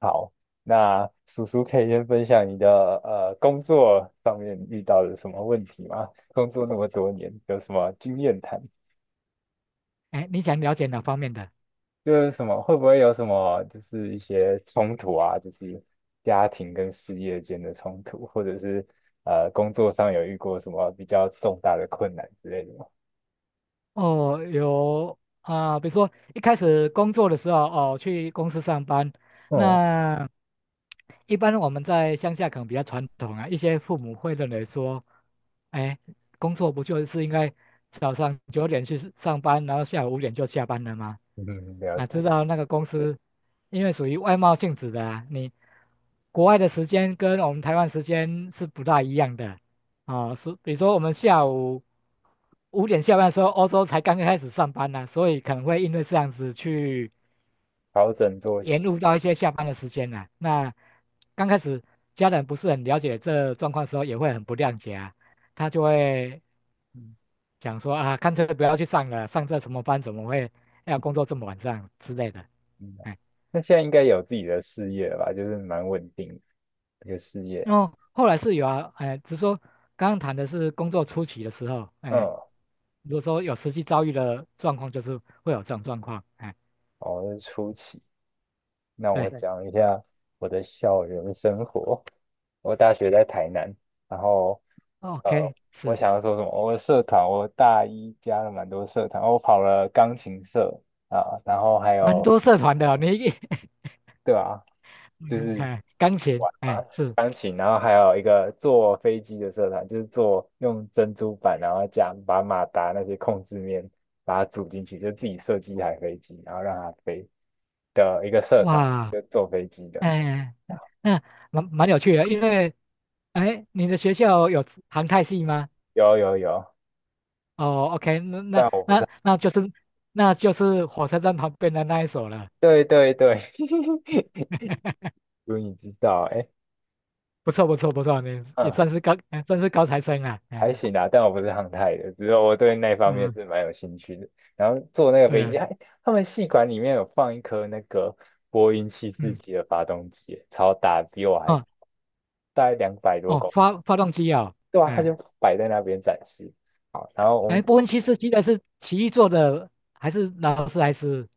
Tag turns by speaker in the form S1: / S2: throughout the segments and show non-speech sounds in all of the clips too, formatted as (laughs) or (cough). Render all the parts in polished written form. S1: 好，那叔叔可以先分享你的工作上面遇到的什么问题吗？工作那么多年，有什么经验谈？
S2: 哎，你想了解哪方面的？
S1: 就是什么会不会有什么就是一些冲突啊？就是家庭跟事业间的冲突，或者是工作上有遇过什么比较重大的困难之类的吗？
S2: 哦，有啊。比如说一开始工作的时候，哦，去公司上班，
S1: 哦，
S2: 那一般我们在乡下可能比较传统啊，一些父母会认为说，哎，工作不就是应该早上9点去上班，然后下午五点就下班了吗？
S1: (laughs) 嗯，了
S2: 啊，知
S1: 解，
S2: 道那个公司，因为属于外贸性质的啊，你国外的时间跟我们台湾时间是不大一样的。啊，是比如说我们下午五点下班的时候，欧洲才刚刚开始上班呢，所以可能会因为这样子去
S1: 调整作
S2: 延
S1: 息，
S2: 误到一些下班的时间呢。那刚开始家人不是很了解这状况的时候，也会很不谅解啊，他就会
S1: 嗯
S2: 讲说啊，干脆不要去上了，上这什么班怎么会要工作这么晚上之类的。
S1: 嗯，
S2: 哎，
S1: 那现在应该有自己的事业了吧？就是蛮稳定的一个事业，
S2: 哦，后来是有啊。哎，只是说刚刚谈的是工作初期的时候，哎，
S1: 嗯。
S2: 如果说有实际遭遇的状况，就是会有这种状况。哎，
S1: 哦，是初期，那我
S2: 对
S1: 对讲一下我的校园生活。我大学在台南，然后呃，
S2: ，OK，是
S1: 我想要说什么？我的社团，我大一加了蛮多社团，我跑了钢琴社啊，然后还
S2: 蛮
S1: 有
S2: 多社团的哦，你一
S1: 对啊，就
S2: (laughs)
S1: 是
S2: 哎，钢琴，哎，
S1: 啊，
S2: 是
S1: 钢琴，然后还有一个坐飞机的社团，就是坐用珍珠板，然后加把马达那些控制面把它组进去，就自己设计一台飞机，然后让它飞的一个社团，
S2: 哇。
S1: 就坐飞机的。
S2: 哎，那蛮有趣的，因为哎，你的学校有航太系吗？
S1: 有有有，
S2: 哦，OK，那那
S1: 虽
S2: 那那就是那就是火车站旁边的那一所了，
S1: 对对对，(laughs)
S2: (laughs)
S1: 如你知道，哎，
S2: 不错不错不错，你也
S1: 嗯，
S2: 算是高哎算是高材生了。哎，
S1: 还行啦，但我不是航太的，只是我对那方面
S2: 嗯，
S1: 是蛮有兴趣的。然后坐那个
S2: 对
S1: 飞
S2: 啊，
S1: 机，他们系馆里面有放一颗那个波音七四
S2: 嗯，
S1: 七的发动机，超大，比我还
S2: 哦，
S1: 大概两百多
S2: 哦，
S1: 公斤，
S2: 发动机哦。
S1: 对啊，他
S2: 哎，
S1: 就摆在那边展示。好，然后我
S2: 哎
S1: 们
S2: 波
S1: 坐，
S2: 音七四七的是奇异做的还是劳斯莱斯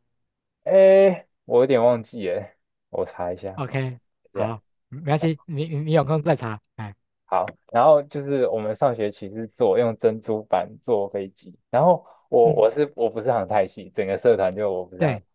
S1: 哎，我有点忘记哎，我查一下，等
S2: ？OK，
S1: 一下。
S2: 好，没关系，你有空再查。哎，
S1: 好，然后就是我们上学期是做用珍珠板做飞机，然后我我
S2: 嗯，
S1: 是我不是航太系，整个社团就我不是航，
S2: 对，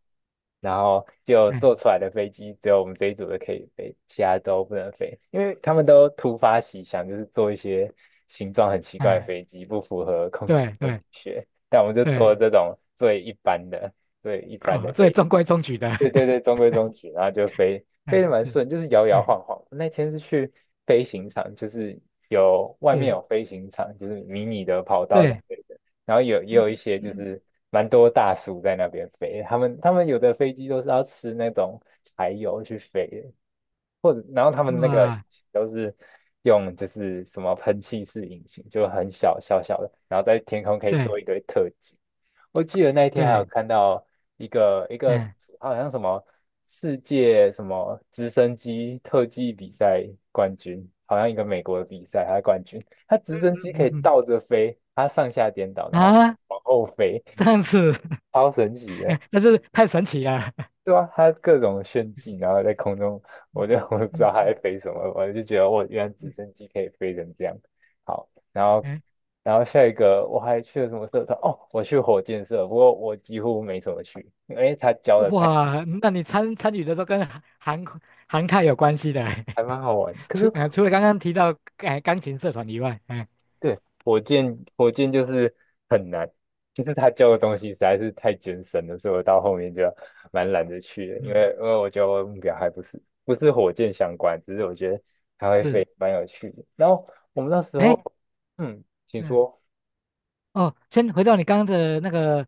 S1: 然后就
S2: 哎，
S1: 做出来的飞机只有我们这一组的可以飞，其他都不能飞，因为他们都突发奇想，就是做一些形状很奇怪的
S2: 哎
S1: 飞机，不符合空气
S2: 对
S1: 动力
S2: 对
S1: 学，但我们就
S2: 对。
S1: 做这种最一般的最一般
S2: 哦，
S1: 的
S2: 所以
S1: 飞机，
S2: 中规中矩的，
S1: 对对对，
S2: (laughs)
S1: 中规中矩，然后就飞飞
S2: 哎
S1: 得蛮
S2: 是
S1: 顺，就是摇摇
S2: 哎
S1: 晃晃。那天是去飞行场，就是有外面
S2: 是
S1: 有飞行场，就是迷你的跑道之
S2: 对。
S1: 类的，然后有也
S2: 嗯，
S1: 有一些就
S2: 嗯，
S1: 是蛮多大叔在那边飞，他们有的飞机都是要吃那种柴油去飞的，或者然后他们那个引
S2: 哇，
S1: 擎都是用就是什么喷气式引擎，就很小的，然后在天空可以
S2: 对
S1: 做一堆特技。我记得那一天还有
S2: 对，
S1: 看到一个
S2: 嗯
S1: 好像什么世界什么直升机特技比赛冠军，好像一个美国的比赛，他是冠军，他直
S2: 嗯
S1: 升机可
S2: 嗯
S1: 以
S2: 嗯
S1: 倒着飞，他上下颠倒，然后
S2: 啊，
S1: 往后飞，
S2: 这样子。
S1: 超神奇的。
S2: (laughs) 那是太神奇了。
S1: 对啊，它各种炫技，然后在空中，我就 (laughs) 我也不知
S2: 嗯
S1: 道它
S2: 嗯
S1: 在飞什么，我就觉得我原来直
S2: 嗯，
S1: 升机可以飞成这样。好，然后
S2: 哎，
S1: 下一个我还去了什么社团？哦，我去火箭社，不过我几乎没什么去，因为他教的太
S2: 哇，那你参参与的都跟韩泰有关系的。
S1: 还蛮好玩。
S2: (laughs)
S1: 可
S2: 除
S1: 是
S2: 除了刚刚提到哎钢琴社团以外，哎，
S1: 对，火箭就是很难，就是他教的东西实在是太艰深了，所以我到后面就蛮懒得去的，因
S2: 嗯，
S1: 为因为我觉得我的目标还不是火箭相关，只是我觉得它会
S2: 是，
S1: 飞蛮有趣的。然后我们那时候，
S2: 哎，
S1: 嗯，请
S2: 对，
S1: 说，
S2: 哦，先回到你刚刚的那个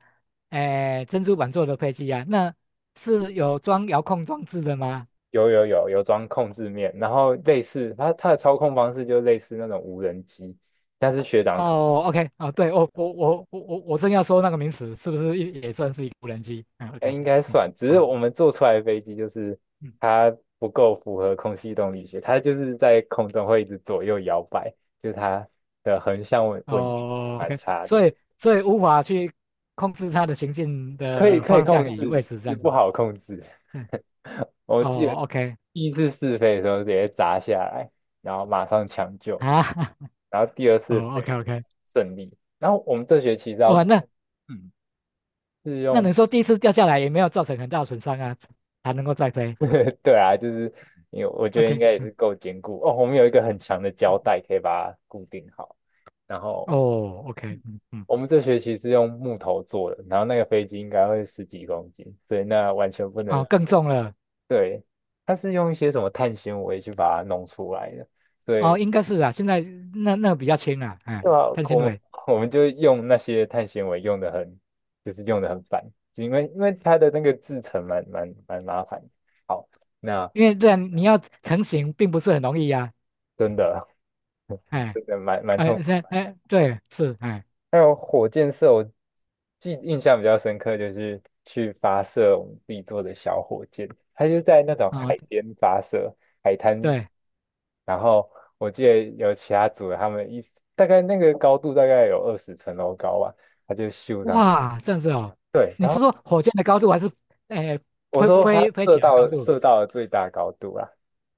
S2: 哎珍珠板做的配器啊，那是有装遥控装置的吗？
S1: 有有有,有装控制面，然后类似它的操控方式就类似那种无人机，但是。
S2: 哦，OK，啊，对，我正要说那个名词是不是也也算是一个无人机？嗯
S1: 呃，
S2: ，OK，
S1: 应该
S2: 嗯，
S1: 算，只是
S2: 好，
S1: 我们做出来的飞机就是
S2: 嗯，
S1: 它不够符合空气动力学，它就是在空中会一直左右摇摆，就是它的横向稳定性
S2: 哦
S1: 蛮
S2: ，OK，
S1: 差的，
S2: 所以无法去控制它的行进
S1: 可以
S2: 的
S1: 可以
S2: 方
S1: 控
S2: 向与位
S1: 制，
S2: 置这
S1: 是
S2: 样子。
S1: 不好控制。
S2: 嗯，
S1: (laughs) 我记得
S2: 哦，OK，
S1: 第一次试飞的时候直接砸下来，然后马上抢
S2: 啊，
S1: 救，
S2: (laughs)
S1: 然后第二次
S2: 哦，OK
S1: 飞
S2: OK。
S1: 顺利，然后我们这学期是要
S2: 哇，那
S1: 嗯。是
S2: 那你
S1: 用。
S2: 说第一次掉下来也没有造成很大的损伤啊，还能够再飞
S1: (laughs) 对啊，就是因为我觉得应
S2: ？OK，
S1: 该也是
S2: 嗯
S1: 够坚固哦。我们有一个很强的胶
S2: 嗯，
S1: 带可以把它固定好。然后
S2: 哦，OK，嗯嗯。
S1: 我们这学期是用木头做的，然后那个飞机应该会十几公斤，所以那完全不
S2: 哦，
S1: 能。
S2: 更重了。
S1: 对，它是用一些什么碳纤维去把它弄出来的，所以
S2: 哦，应该是啊，现在那个比较轻啊，
S1: (laughs)
S2: 哎，
S1: 对啊，
S2: 碳纤
S1: 我们
S2: 维。
S1: 我们就用那些碳纤维用的很，就是用的很烦，就因为它的那个制成蛮麻烦的好，那
S2: 因为这样你要成型并不是很容易呀。
S1: 真的 (laughs)
S2: 哎，
S1: 真的蛮痛。
S2: 对是哎，
S1: 还有火箭射，印象比较深刻，就是去发射我们自己做的小火箭，它就在那种海
S2: 啊
S1: 边发射，海滩。
S2: 对，
S1: 然后我记得有其他组的，他们一大概那个高度大概有20层楼高吧，它就咻上去。
S2: 哇这样子哦。
S1: 对，
S2: 你
S1: 然
S2: 是
S1: 后
S2: 说火箭的高度还是哎
S1: 我
S2: 飞
S1: 说它射
S2: 起来的高
S1: 到
S2: 度？
S1: 射到了最大高度啊，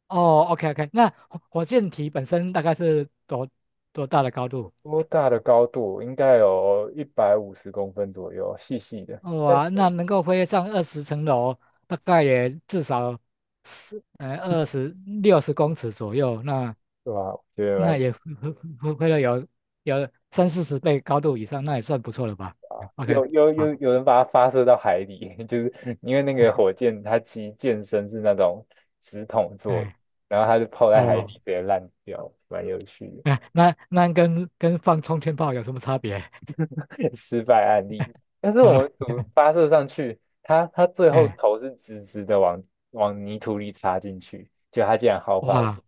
S2: 哦，OK OK，那火火箭体本身大概是多多大的高度？
S1: 多大的高度？应该有150公分左右，细细的，
S2: 哇，那能够飞上20层楼，大概也至少是二十60公尺左右，那
S1: 对吧？我觉得
S2: 那
S1: 蛮
S2: 也会到有三四十倍高度以上，那也算不错了吧，嗯？OK，
S1: 有有
S2: 好，
S1: 有有人把它发射到海里，(laughs) 就是因为那个火箭它其实箭身是那种直筒做的，
S2: 哎，
S1: 然后它就泡在海底里
S2: 哦，
S1: 直接烂掉，蛮有趣
S2: 哎，那那跟放冲天炮有什么差别？(laughs)
S1: 的 (laughs) 失败案例。但是
S2: 啊，
S1: 我们组发射上去，它最后
S2: 哎，
S1: 头是直直的往泥土里插进去，就它竟然毫发无，
S2: 哇，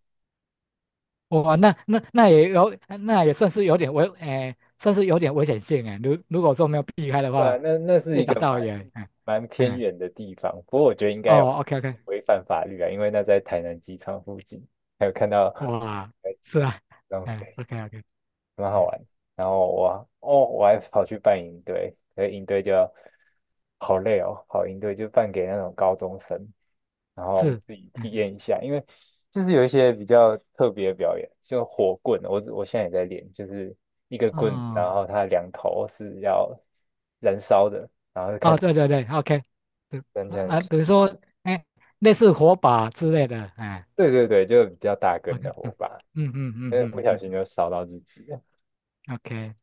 S2: 哇那那那也有，那也算是有点危，哎，算是有点危险性哎。如如果说没有避开的
S1: 对啊，
S2: 话，
S1: 那是
S2: 被
S1: 一
S2: 打
S1: 个
S2: 到
S1: 蛮
S2: 也，哎，
S1: 蛮偏
S2: 哎，
S1: 远的地方，不过我觉得应该有
S2: 哦，OK OK，
S1: 违反法律啊，因为那在台南机场附近，还有看到
S2: 哇，是啊，
S1: 浪
S2: 哎
S1: 费。
S2: ，OK OK，
S1: 蛮好
S2: 嗯，
S1: 玩。然后我还跑去扮营队，可是营队就好累哦，跑营队就扮给那种高中生，然后我们
S2: 是，
S1: 自己体
S2: 嗯，
S1: 验一下，因为就是有一些比较特别的表演，就火棍，我现在也在练，就是一个棍子
S2: 哦。
S1: 然后它两头是要燃烧的，
S2: 哦，对对对，OK，对
S1: 燃
S2: 啊，
S1: 成
S2: 啊比如说，哎，类似火把之类的，哎
S1: 对对对，就比较大根
S2: ，OK，
S1: 的
S2: 嗯
S1: 火把，
S2: 嗯嗯嗯
S1: 不
S2: 嗯
S1: 小
S2: 嗯
S1: 心就烧到自己。
S2: ，OK，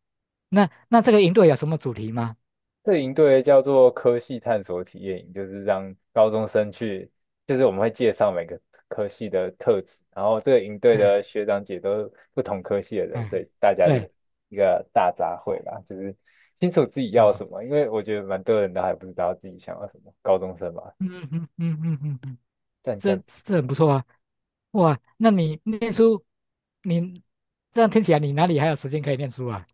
S2: 那那这个营队有什么主题吗？
S1: 这营队叫做科系探索体验营，就是让高中生去，就是我们会介绍每个科系的特质，然后这个营队
S2: 哎，
S1: 的学长姐都是不同科系的人，
S2: 哎，
S1: 所以大家就是
S2: 对，
S1: 一个大杂烩吧，就是清楚自己要
S2: 哦，
S1: 什么，因为我觉得蛮多人都还不知道自己想要什么，高中生嘛，
S2: 嗯嗯嗯嗯嗯嗯，
S1: 战
S2: 这
S1: 战
S2: 这很不错啊。哇，那你念书，你这样听起来，你哪里还有时间可以念书啊？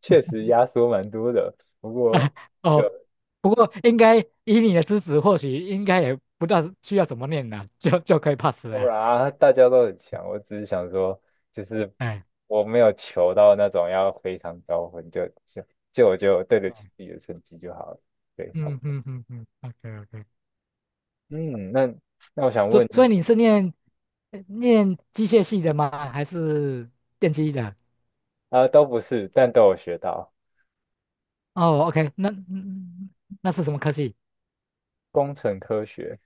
S1: 确实压缩蛮多的，不
S2: (laughs)
S1: 过。
S2: 啊，
S1: 就。
S2: 哦，不过应该以你的资质，或许应该也不知道需要怎么念了，就就可以 pass 了
S1: 不
S2: 啊，
S1: 然啊，大家都很强。我只是想说，就是
S2: 哎。
S1: 我没有求到那种要非常高分，就就就我就对得起
S2: 哦，
S1: 自己的成绩就好了。对，差不
S2: 嗯
S1: 多。
S2: 嗯嗯嗯，OK OK，
S1: 嗯，那我想
S2: 所
S1: 问，就
S2: 所
S1: 是
S2: 以你是念念机械系的吗？还是电机的？
S1: 啊、都不是，但都有学到
S2: 哦，OK，那嗯那是什么科技？
S1: 工程科学，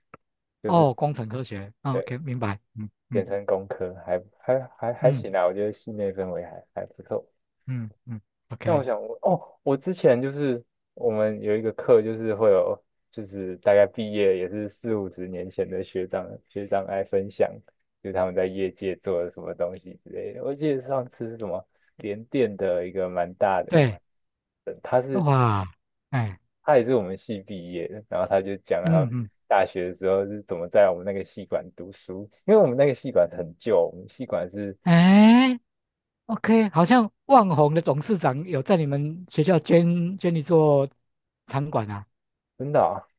S1: 就是
S2: 哦，工程科学。哦，
S1: 对，
S2: OK，明白。嗯
S1: 简
S2: 嗯
S1: 称工科，还
S2: 嗯
S1: 行啊，我觉得系内氛围还不错。
S2: 嗯嗯
S1: 那我
S2: ，OK，
S1: 想问，哦，我之前就是我们有一个课，就是会有，就是大概毕业也是四五十年前的学长来分享，就是他们在业界做了什么东西之类的。我记得上次是什么联电的一个蛮大的，
S2: 对，哇，哎，
S1: 他也是我们系毕业的，然后他就讲了他
S2: 嗯嗯，
S1: 大学的时候是怎么在我们那个系馆读书，因为我们那个系馆很旧，我们系馆是
S2: 哎，OK，好像万宏的董事长有在你们学校捐一座场馆啊？
S1: 真的啊，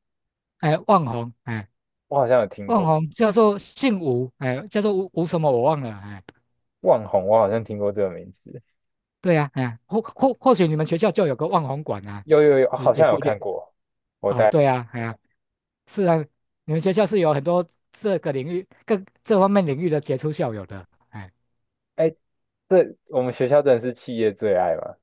S2: 哎，万宏，哎，
S1: 我好像有听
S2: 万
S1: 过
S2: 宏叫做姓吴，哎，叫做吴什么我忘了，哎。
S1: 万宏，我好像听过这个名字。
S2: 对呀，哎呀，或或许你们学校就有个望红馆啊，
S1: 有有有，
S2: 也
S1: 好
S2: 也
S1: 像有
S2: 不一定
S1: 看过。我
S2: 啊。
S1: 带，
S2: 对呀，哎呀，是啊，你们学校是有很多这个领域、各这方面领域的杰出校友的。哎，
S1: 哎，这我们学校真的是企业最爱嘛？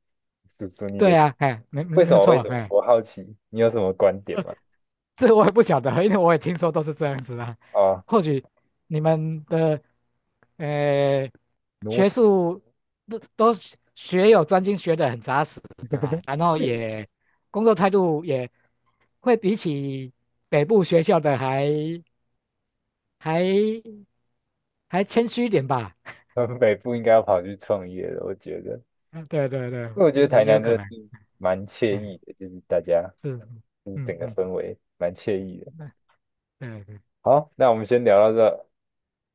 S1: 叔叔，你
S2: 对
S1: 的
S2: 呀，哎，没没
S1: 为什
S2: 没有
S1: 么？为
S2: 错，
S1: 什么？
S2: 哎。
S1: 我好奇，你有什么观点吗？
S2: (laughs) 这我也不晓得，因为我也听说都是这样子啊。
S1: 哦，
S2: 或许你们的呃
S1: 奴
S2: 学
S1: 性，
S2: 术都学有专精，学得很扎实啦，然
S1: (laughs)
S2: 后也工作态度也会比起北部学校的还还谦虚一点吧。
S1: 我们北部应该要跑去创业的，我觉得，
S2: 嗯，对对对，
S1: 因为我觉得
S2: 也
S1: 台
S2: 也有
S1: 南真
S2: 可
S1: 的
S2: 能，
S1: 是蛮惬
S2: 哎，
S1: 意的，就是大家
S2: 是，
S1: 就是
S2: 嗯
S1: 整个
S2: 嗯，
S1: 氛围蛮惬意的。
S2: 那对对，
S1: 好，那我们先聊到这，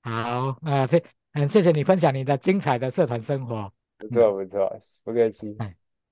S2: 好啊，谢，很谢谢你分享你的精彩的社团生活，
S1: 不
S2: 嗯，
S1: 错不错，不客气。
S2: 哎。